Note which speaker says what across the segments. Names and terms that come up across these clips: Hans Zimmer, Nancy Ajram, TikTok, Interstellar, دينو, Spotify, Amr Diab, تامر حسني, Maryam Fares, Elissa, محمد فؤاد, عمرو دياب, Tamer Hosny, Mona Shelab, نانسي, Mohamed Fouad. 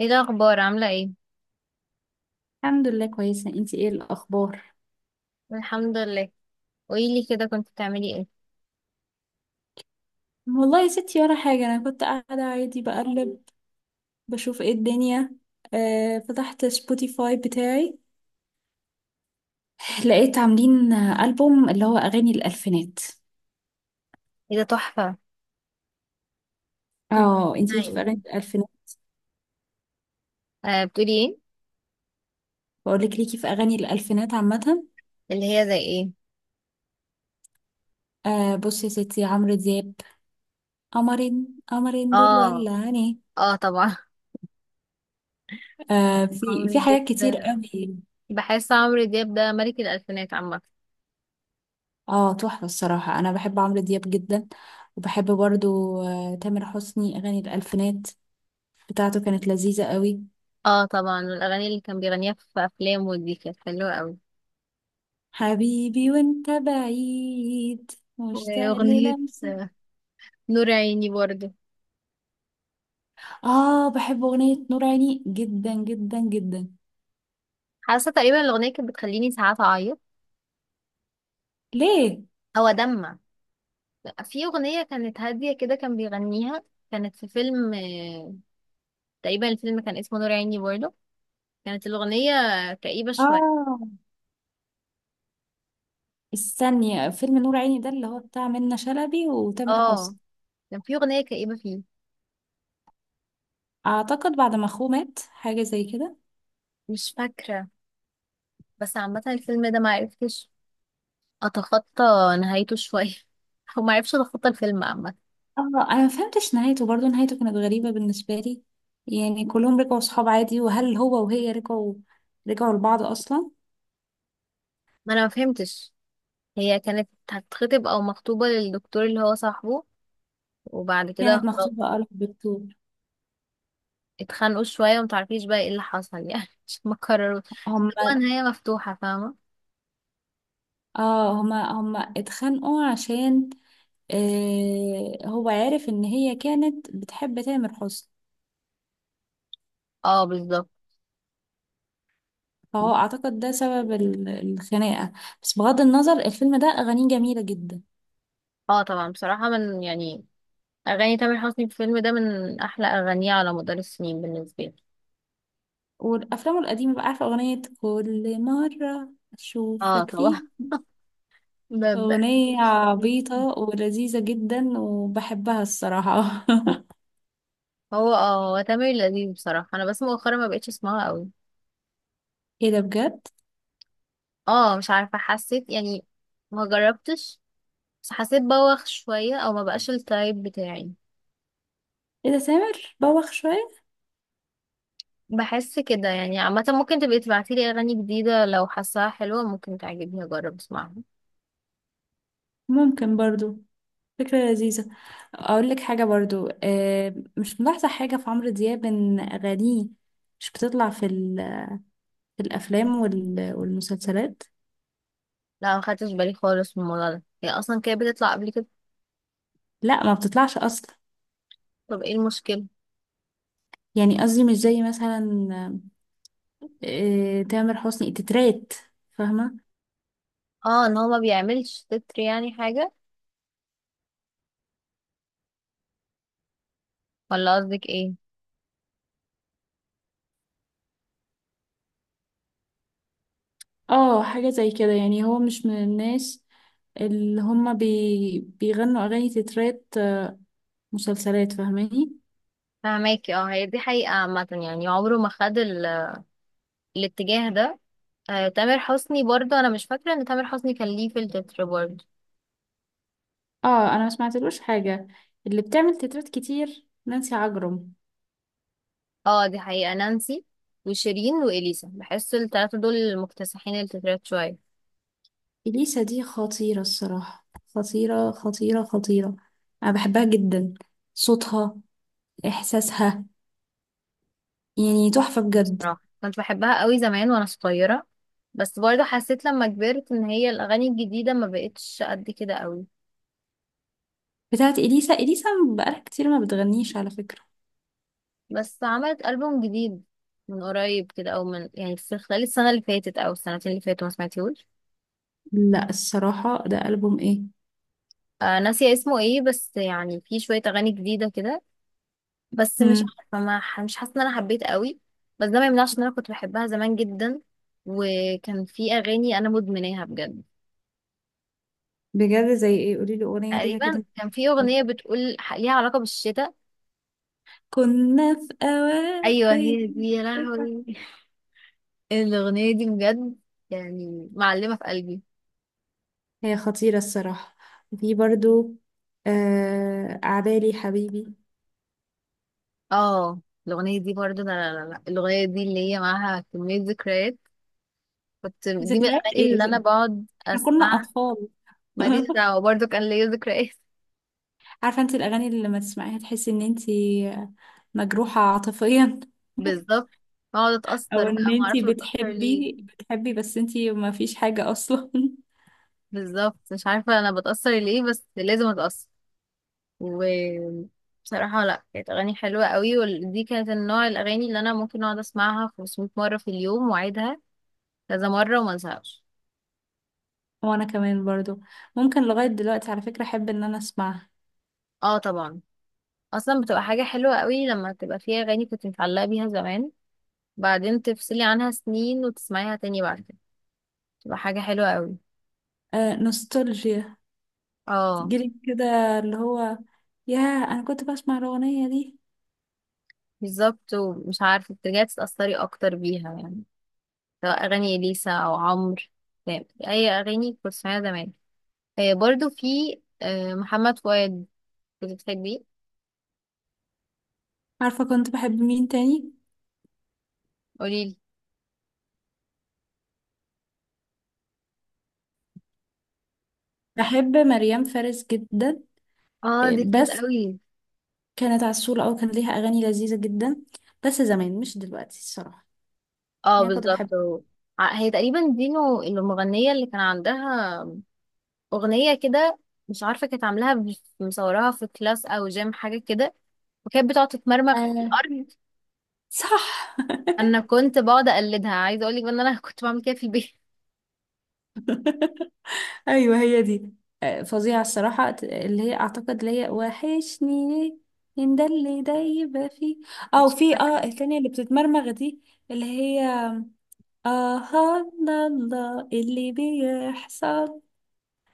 Speaker 1: ايه الاخبار، عامله ايه؟
Speaker 2: الحمد لله، كويسة. انتي ايه الأخبار؟
Speaker 1: الحمد لله. قوليلي كده، كنت بتعملي ايه؟
Speaker 2: والله يا ستي، ولا حاجة. أنا كنت قاعدة عادي بقلب، بشوف ايه الدنيا. فتحت سبوتيفاي بتاعي، لقيت عاملين ألبوم اللي هو أغاني الألفينات.
Speaker 1: ايه ده، تحفة. كنت
Speaker 2: اه، انتي ليكي في
Speaker 1: هاي.
Speaker 2: أغاني الألفينات.
Speaker 1: بتقولي ايه؟
Speaker 2: بقولك ليكي في أغاني الألفينات عامة.
Speaker 1: اللي هي زي ايه؟
Speaker 2: آه، بصي يا ستي، عمرو دياب. قمرين قمرين دول،
Speaker 1: اه.
Speaker 2: ولا عيني.
Speaker 1: اه طبعا.
Speaker 2: آه، في
Speaker 1: عمرو
Speaker 2: في
Speaker 1: دياب
Speaker 2: حاجات كتير
Speaker 1: ده،
Speaker 2: قوي.
Speaker 1: بحس عمرو دياب ده ملك الالفينات عامه.
Speaker 2: اه تحفة، الصراحة انا بحب عمرو دياب جدا. وبحب برضو تامر حسني. اغاني الالفينات بتاعته كانت لذيذة قوي.
Speaker 1: اه طبعا، والاغاني اللي كان بيغنيها في افلامه دي كانت حلوه قوي.
Speaker 2: حبيبي وانت بعيد. مشتاق
Speaker 1: واغنيه
Speaker 2: للمسك.
Speaker 1: آه، نور عيني برضه.
Speaker 2: اه، بحب اغنية نور عيني جدا جدا جدا.
Speaker 1: حاسه تقريبا الاغنيه كانت بتخليني ساعات اعيط،
Speaker 2: ليه؟
Speaker 1: او ادمع. في اغنيه كانت هاديه كده كان بيغنيها، كانت في فيلم، تقريبا الفيلم كان اسمه نور عيني برضه. كانت الأغنية كئيبة شوية.
Speaker 2: اه، استني. فيلم نور عيني ده اللي هو بتاع منة شلبي وتامر
Speaker 1: اه،
Speaker 2: حسني.
Speaker 1: كان في أغنية كئيبة فيه.
Speaker 2: اعتقد بعد ما اخوه مات حاجة زي كده.
Speaker 1: مش فاكرة، بس عامة الفيلم ده معرفتش أتخطى نهايته شوية. أو معرفتش أتخطى الفيلم عامة.
Speaker 2: اه، انا ما فهمتش نهايته برضو. نهايته كانت غريبة بالنسبة لي. يعني كلهم رجعوا صحاب عادي، وهل هو وهي رجعوا لبعض اصلا.
Speaker 1: ما أنا مفهمتش، هي كانت هتتخطب أو مخطوبة للدكتور اللي هو صاحبه، وبعد كده
Speaker 2: كانت
Speaker 1: خلاص
Speaker 2: مكتوبة قال الدكتور.
Speaker 1: اتخانقوا شوية ومتعرفيش بقى ايه اللي حصل يعني. مش مكرروا، هو
Speaker 2: هما
Speaker 1: نهاية مفتوحة، فاهمة.
Speaker 2: اه هما هما اتخانقوا عشان هو عارف ان هي كانت بتحب تامر حسني.
Speaker 1: اه بالظبط.
Speaker 2: فهو اعتقد ده سبب الخناقة. بس بغض النظر، الفيلم ده اغانيه جميلة جدا.
Speaker 1: اه طبعا، بصراحة من يعني، اغاني تامر حسني في الفيلم ده من احلى اغانيه على مدار السنين بالنسبه لي.
Speaker 2: والافلام القديمة بقى، عارفة اغنية كل مرة
Speaker 1: اه
Speaker 2: اشوفك
Speaker 1: طبعا.
Speaker 2: فيه؟
Speaker 1: ب- ب-
Speaker 2: أغنية عبيطة ولذيذة جدا وبحبها الصراحة.
Speaker 1: هو تامر لذيذ، بصراحه انا بس مؤخرا ما بقتش اسمعها قوي.
Speaker 2: ايه ده بجد؟
Speaker 1: اه مش عارفه، حسيت يعني، ما جربتش، بس حسيت بوخ شويه، او ما بقاش التايب بتاعي.
Speaker 2: ايه ده سامر؟ بوخ شوية؟
Speaker 1: بحس كده يعني عامه، ممكن تبقي تبعتي لي اغاني جديده لو حاساها حلوه، ممكن تعجبني اجرب اسمعها.
Speaker 2: ممكن برضو. فكرة لذيذة. أقول لك حاجة برضو، مش ملاحظة حاجة في عمرو دياب إن أغانيه مش بتطلع في الأفلام والمسلسلات.
Speaker 1: لا، ما خدتش بالي خالص من الموضوع ده، هي اصلا كانت بتطلع قبل كده.
Speaker 2: لا، ما بتطلعش أصلا.
Speaker 1: طب ايه المشكله؟
Speaker 2: يعني قصدي مش زي مثلا تامر حسني تترات. فاهمة؟
Speaker 1: اه، ان هو ما بيعملش تتر يعني حاجه، ولا قصدك ايه؟
Speaker 2: اه، حاجة زي كده. يعني هو مش من الناس اللي هما بيغنوا أغاني تترات مسلسلات. فاهماني؟
Speaker 1: فهماكي، اه هي دي حقيقة عامة، يعني عمره ما خد ال... الاتجاه ده. تامر حسني برضه، انا مش فاكرة ان تامر حسني كان ليه في التتر برضه.
Speaker 2: اه، أنا ما سمعتلوش حاجة. اللي بتعمل تترات كتير نانسي عجرم.
Speaker 1: اه دي حقيقة، نانسي وشيرين واليسا، بحس التلاتة دول مكتسحين التترات شوية.
Speaker 2: إليسا دي خطيرة الصراحة. خطيرة خطيرة خطيرة. أنا بحبها جدا. صوتها، إحساسها، يعني تحفة بجد.
Speaker 1: بصراحة كنت بحبها قوي زمان وانا صغيرة، بس برضه حسيت لما كبرت ان هي الاغاني الجديدة ما بقتش قد كده قوي.
Speaker 2: بتاعت إليسا، إليسا بقالها كتير ما بتغنيش على فكرة.
Speaker 1: بس عملت ألبوم جديد من قريب كده، او من يعني في خلال السنة اللي فاتت او السنتين اللي فاتوا، ما سمعتيهوش.
Speaker 2: لا، الصراحة ده ألبوم إيه؟
Speaker 1: ناسية اسمه ايه، بس يعني في شوية اغاني جديدة كده، بس مش
Speaker 2: مم.
Speaker 1: عارفة، ما ح- مش حاسة ان انا حبيت قوي. بس ده ما يمنعش ان انا كنت بحبها زمان جدا، وكان في اغاني انا مدمناها بجد.
Speaker 2: بجد؟ زي إيه؟ قوليلي أغنية ليها
Speaker 1: تقريبا
Speaker 2: كده.
Speaker 1: كان في اغنية بتقول، ليها علاقة بالشتاء.
Speaker 2: كنا في
Speaker 1: ايوه
Speaker 2: أواخر.
Speaker 1: هي دي، يا
Speaker 2: إيه ده؟
Speaker 1: لهوي! الاغنية دي بجد، يعني معلمة في قلبي.
Speaker 2: هي خطيرة الصراحة. وفي برضو أعدالي حبيبي.
Speaker 1: اه الاغنية دي برضه، لا، لا، لا، لا. الاغنية دي اللي هي معاها كمية ذكريات، كنت دي من
Speaker 2: ذكريات
Speaker 1: الاغاني
Speaker 2: ايه؟
Speaker 1: اللي انا بقعد
Speaker 2: احنا كنا
Speaker 1: اسمعها.
Speaker 2: أطفال.
Speaker 1: ماليش دعوة، برضه كان ليا ذكريات.
Speaker 2: عارفة انت الأغاني اللي لما تسمعيها تحسي ان انت مجروحة عاطفيا.
Speaker 1: بالظبط، اقعد
Speaker 2: او
Speaker 1: اتأثر
Speaker 2: ان
Speaker 1: بقى، ما
Speaker 2: انت
Speaker 1: اعرفش بتأثر ليه.
Speaker 2: بتحبي بتحبي بس انت ما فيش حاجة اصلا.
Speaker 1: بالظبط مش عارفة انا بتأثر ليه، بس لازم اتأثر. وبصراحة، لا، كانت اغاني حلوة قوي، ودي كانت النوع الاغاني اللي انا ممكن اقعد اسمعها 500 مرة في اليوم واعيدها كذا مرة وما انساهاش.
Speaker 2: وانا كمان برضو، ممكن لغاية دلوقتي على فكرة احب ان انا اسمعها.
Speaker 1: اه طبعا، اصلا بتبقى حاجة حلوة قوي لما تبقى فيها اغاني كنت متعلقة بيها زمان، بعدين تفصلي عنها سنين وتسمعيها تاني بعد كده، تبقى حاجة حلوة قوي.
Speaker 2: آه، نوستالجيا.
Speaker 1: اه
Speaker 2: جيلي كده، اللي هو، ياه انا كنت بسمع الاغنيه دي.
Speaker 1: بالظبط، ومش عارفة بترجعي تتأثري اكتر بيها يعني، سواء أغاني إليسا أو عمرو، فاهم؟ أي أغاني كنت بسمعها زمان. برضو في محمد فؤاد، كنت بتحبيه.
Speaker 2: عارفه كنت بحب مين تاني؟
Speaker 1: قوليلي.
Speaker 2: بحب مريم فارس جدا.
Speaker 1: اه
Speaker 2: إيه،
Speaker 1: دي كيوت
Speaker 2: بس
Speaker 1: قوي.
Speaker 2: كانت عسولة، او كان ليها اغاني لذيذه جدا، بس زمان مش دلوقتي الصراحه.
Speaker 1: اه
Speaker 2: يعني كنت بحب.
Speaker 1: بالظبط، هي تقريبا دينو المغنية اللي كان عندها أغنية كده، مش عارفة كانت عاملاها، مصوراها في كلاس أو جيم حاجة كده، وكانت بتقعد تتمرمغ في
Speaker 2: آه،
Speaker 1: الأرض.
Speaker 2: صح.
Speaker 1: أنا كنت بقعد أقلدها، عايزة أقولك بقى إن أنا كنت بعمل كده في البيت.
Speaker 2: ايوه هي دي. فظيعه الصراحه، اللي هي اعتقد اللي هي وحشني. ليه ان ده اللي ده يبقى فيه، او في التانية اللي بتتمرمغ دي. اللي هي. آها، لا لا، اللي بيحصل.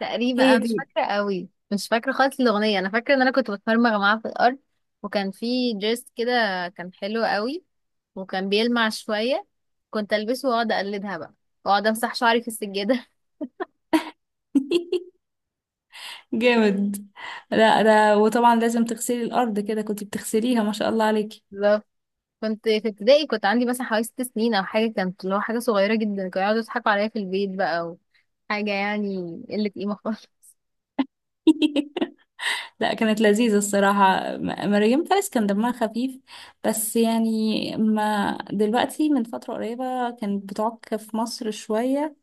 Speaker 1: تقريبا
Speaker 2: هي
Speaker 1: انا مش
Speaker 2: دي.
Speaker 1: فاكره قوي، مش فاكره خالص الاغنيه، انا فاكره ان انا كنت بتمرمغ معاه في الارض، وكان في دريس كده، كان حلو قوي وكان بيلمع شويه، كنت البسه واقعد اقلدها بقى، واقعد امسح شعري في السجاده
Speaker 2: جامد. لا لا، وطبعا لازم تغسلي الأرض كده، كنت بتغسليها ما شاء الله عليكي.
Speaker 1: بالظبط، كنت في ابتدائي، كنت عندي مثلا حوالي 6 سنين او حاجه، كانت اللي هو حاجه صغيره جدا، كانوا يقعدوا يضحكوا عليا في البيت بقى، وحاجه يعني قله قيمه خالص.
Speaker 2: لا، كانت لذيذة الصراحة، مريم فارس كان دمها خفيف. بس يعني، ما دلوقتي من فترة قريبة كانت بتعك في مصر شوية،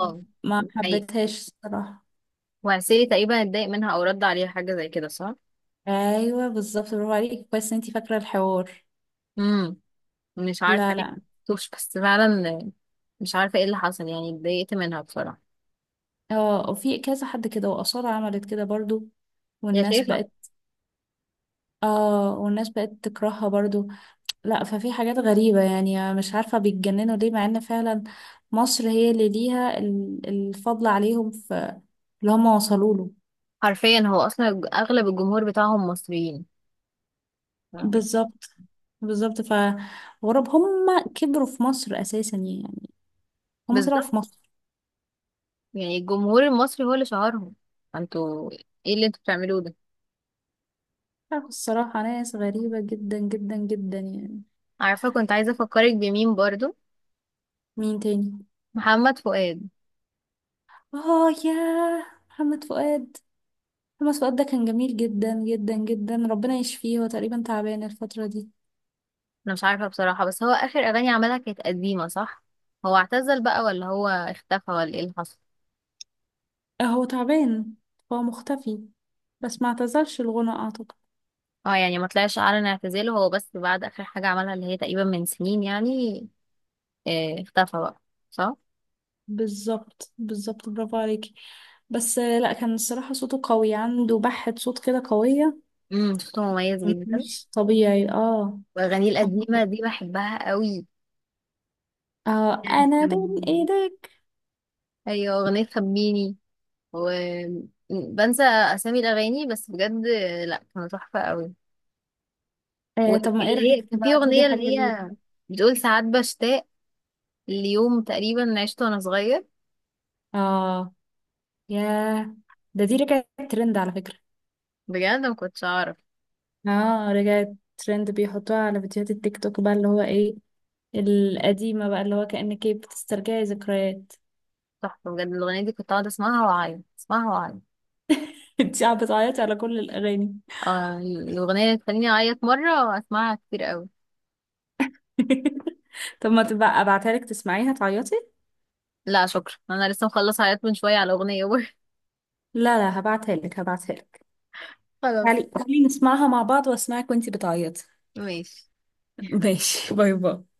Speaker 1: اه دي حقيقة.
Speaker 2: حبيتهاش الصراحة.
Speaker 1: وعسيري تقريبا اتضايق منها، او رد عليها حاجه زي كده، صح؟
Speaker 2: أيوة بالظبط، برافو عليكي، كويس إن انتي فاكرة الحوار.
Speaker 1: امم مش عارفة
Speaker 2: لا
Speaker 1: ليه،
Speaker 2: لا.
Speaker 1: مكتوبش بس فعلا، مش عارفة ايه اللي حصل، يعني اتضايقت منها بصراحة.
Speaker 2: اه، وفي كذا حد كده، وأصالة عملت كده برضو.
Speaker 1: يا
Speaker 2: والناس
Speaker 1: شيخة.
Speaker 2: بقت. اه، والناس بقت تكرهها برضو. لا، ففي حاجات غريبة يعني. مش عارفة بيتجننوا ليه، مع ان فعلا مصر هي اللي ليها الفضل عليهم في اللي هم وصلوا له.
Speaker 1: حرفيا هو اصلا، اغلب الجمهور بتاعهم مصريين، ف-
Speaker 2: بالظبت بالظبط. فغرب هم كبروا في مصر أساسا، يعني هم طلعوا
Speaker 1: بالظبط.
Speaker 2: في مصر.
Speaker 1: يعني الجمهور المصري هو اللي شهرهم، انتوا ايه اللي انتوا بتعملوه ده؟
Speaker 2: عارفة الصراحة، ناس غريبة جدا جدا جدا يعني.
Speaker 1: عارفة كنت عايزة افكرك بمين برضو،
Speaker 2: مين تاني؟
Speaker 1: محمد فؤاد.
Speaker 2: اه، يا محمد فؤاد. هو الواد ده كان جميل جدا جدا جدا، ربنا يشفيه. هو تقريبا تعبان الفترة دي.
Speaker 1: انا مش عارفة بصراحة، بس هو اخر اغاني عملها كانت قديمة، صح؟ هو اعتزل بقى ولا هو اختفى ولا ايه اللي حصل؟
Speaker 2: هو تعبان. هو مختفي. بس ما اعتزلش الغنى اعتقد.
Speaker 1: اه يعني ما طلعش اعلن اعتزاله هو، بس بعد اخر حاجة عملها اللي هي تقريبا من سنين يعني، اختفى بقى، صح.
Speaker 2: بالظبط بالظبط، برافو عليكي. بس لا كان الصراحة صوته قوي، عنده بحة صوت كده قوية،
Speaker 1: صوته مميز جدا،
Speaker 2: مش طبيعي. اه.
Speaker 1: واغانيه
Speaker 2: كان
Speaker 1: القديمه
Speaker 2: قوي.
Speaker 1: دي بحبها قوي.
Speaker 2: اه، انا بين
Speaker 1: مم.
Speaker 2: ايدك.
Speaker 1: ايوه، اغنيه خبيني، وبنسى اسامي الاغاني بس بجد، لا كانوا تحفه قوي.
Speaker 2: طب ما ايه
Speaker 1: واللي هي
Speaker 2: رأيك
Speaker 1: كان في
Speaker 2: تبعتيلي
Speaker 1: اغنيه
Speaker 2: حاجة
Speaker 1: اللي
Speaker 2: ليه؟
Speaker 1: هي بتقول، ساعات بشتاق ليوم تقريبا عشته وانا صغير.
Speaker 2: اه، ياه. دي رجعت ترند على فكرة.
Speaker 1: بجد ما كنتش اعرف.
Speaker 2: اه، رجعت ترند، بيحطوها على فيديوهات التيك توك بقى اللي هو ايه، القديمة بقى اللي هو كأنك إيه بتسترجعي ذكريات.
Speaker 1: تحفه بجد الاغنيه دي، كنت اقعد اسمعها واعيط، اسمعها واعيط.
Speaker 2: انتي قاعدة بتعيطي على كل الأغاني.
Speaker 1: الاغنيه اللي تخليني اعيط مره، اسمعها كتير قوي.
Speaker 2: طب ما تبقى ابعتها لك تسمعيها تعيطي.
Speaker 1: لا شكرا، انا لسه مخلص حاجات من شويه على اغنيه برضه.
Speaker 2: لا لا، هبعتها لك هبعتها لك.
Speaker 1: خلاص.
Speaker 2: تعالي تعالي نسمعها مع بعض، واسمعك وانتي بتعيطي.
Speaker 1: ماشي.
Speaker 2: ماشي، باي باي.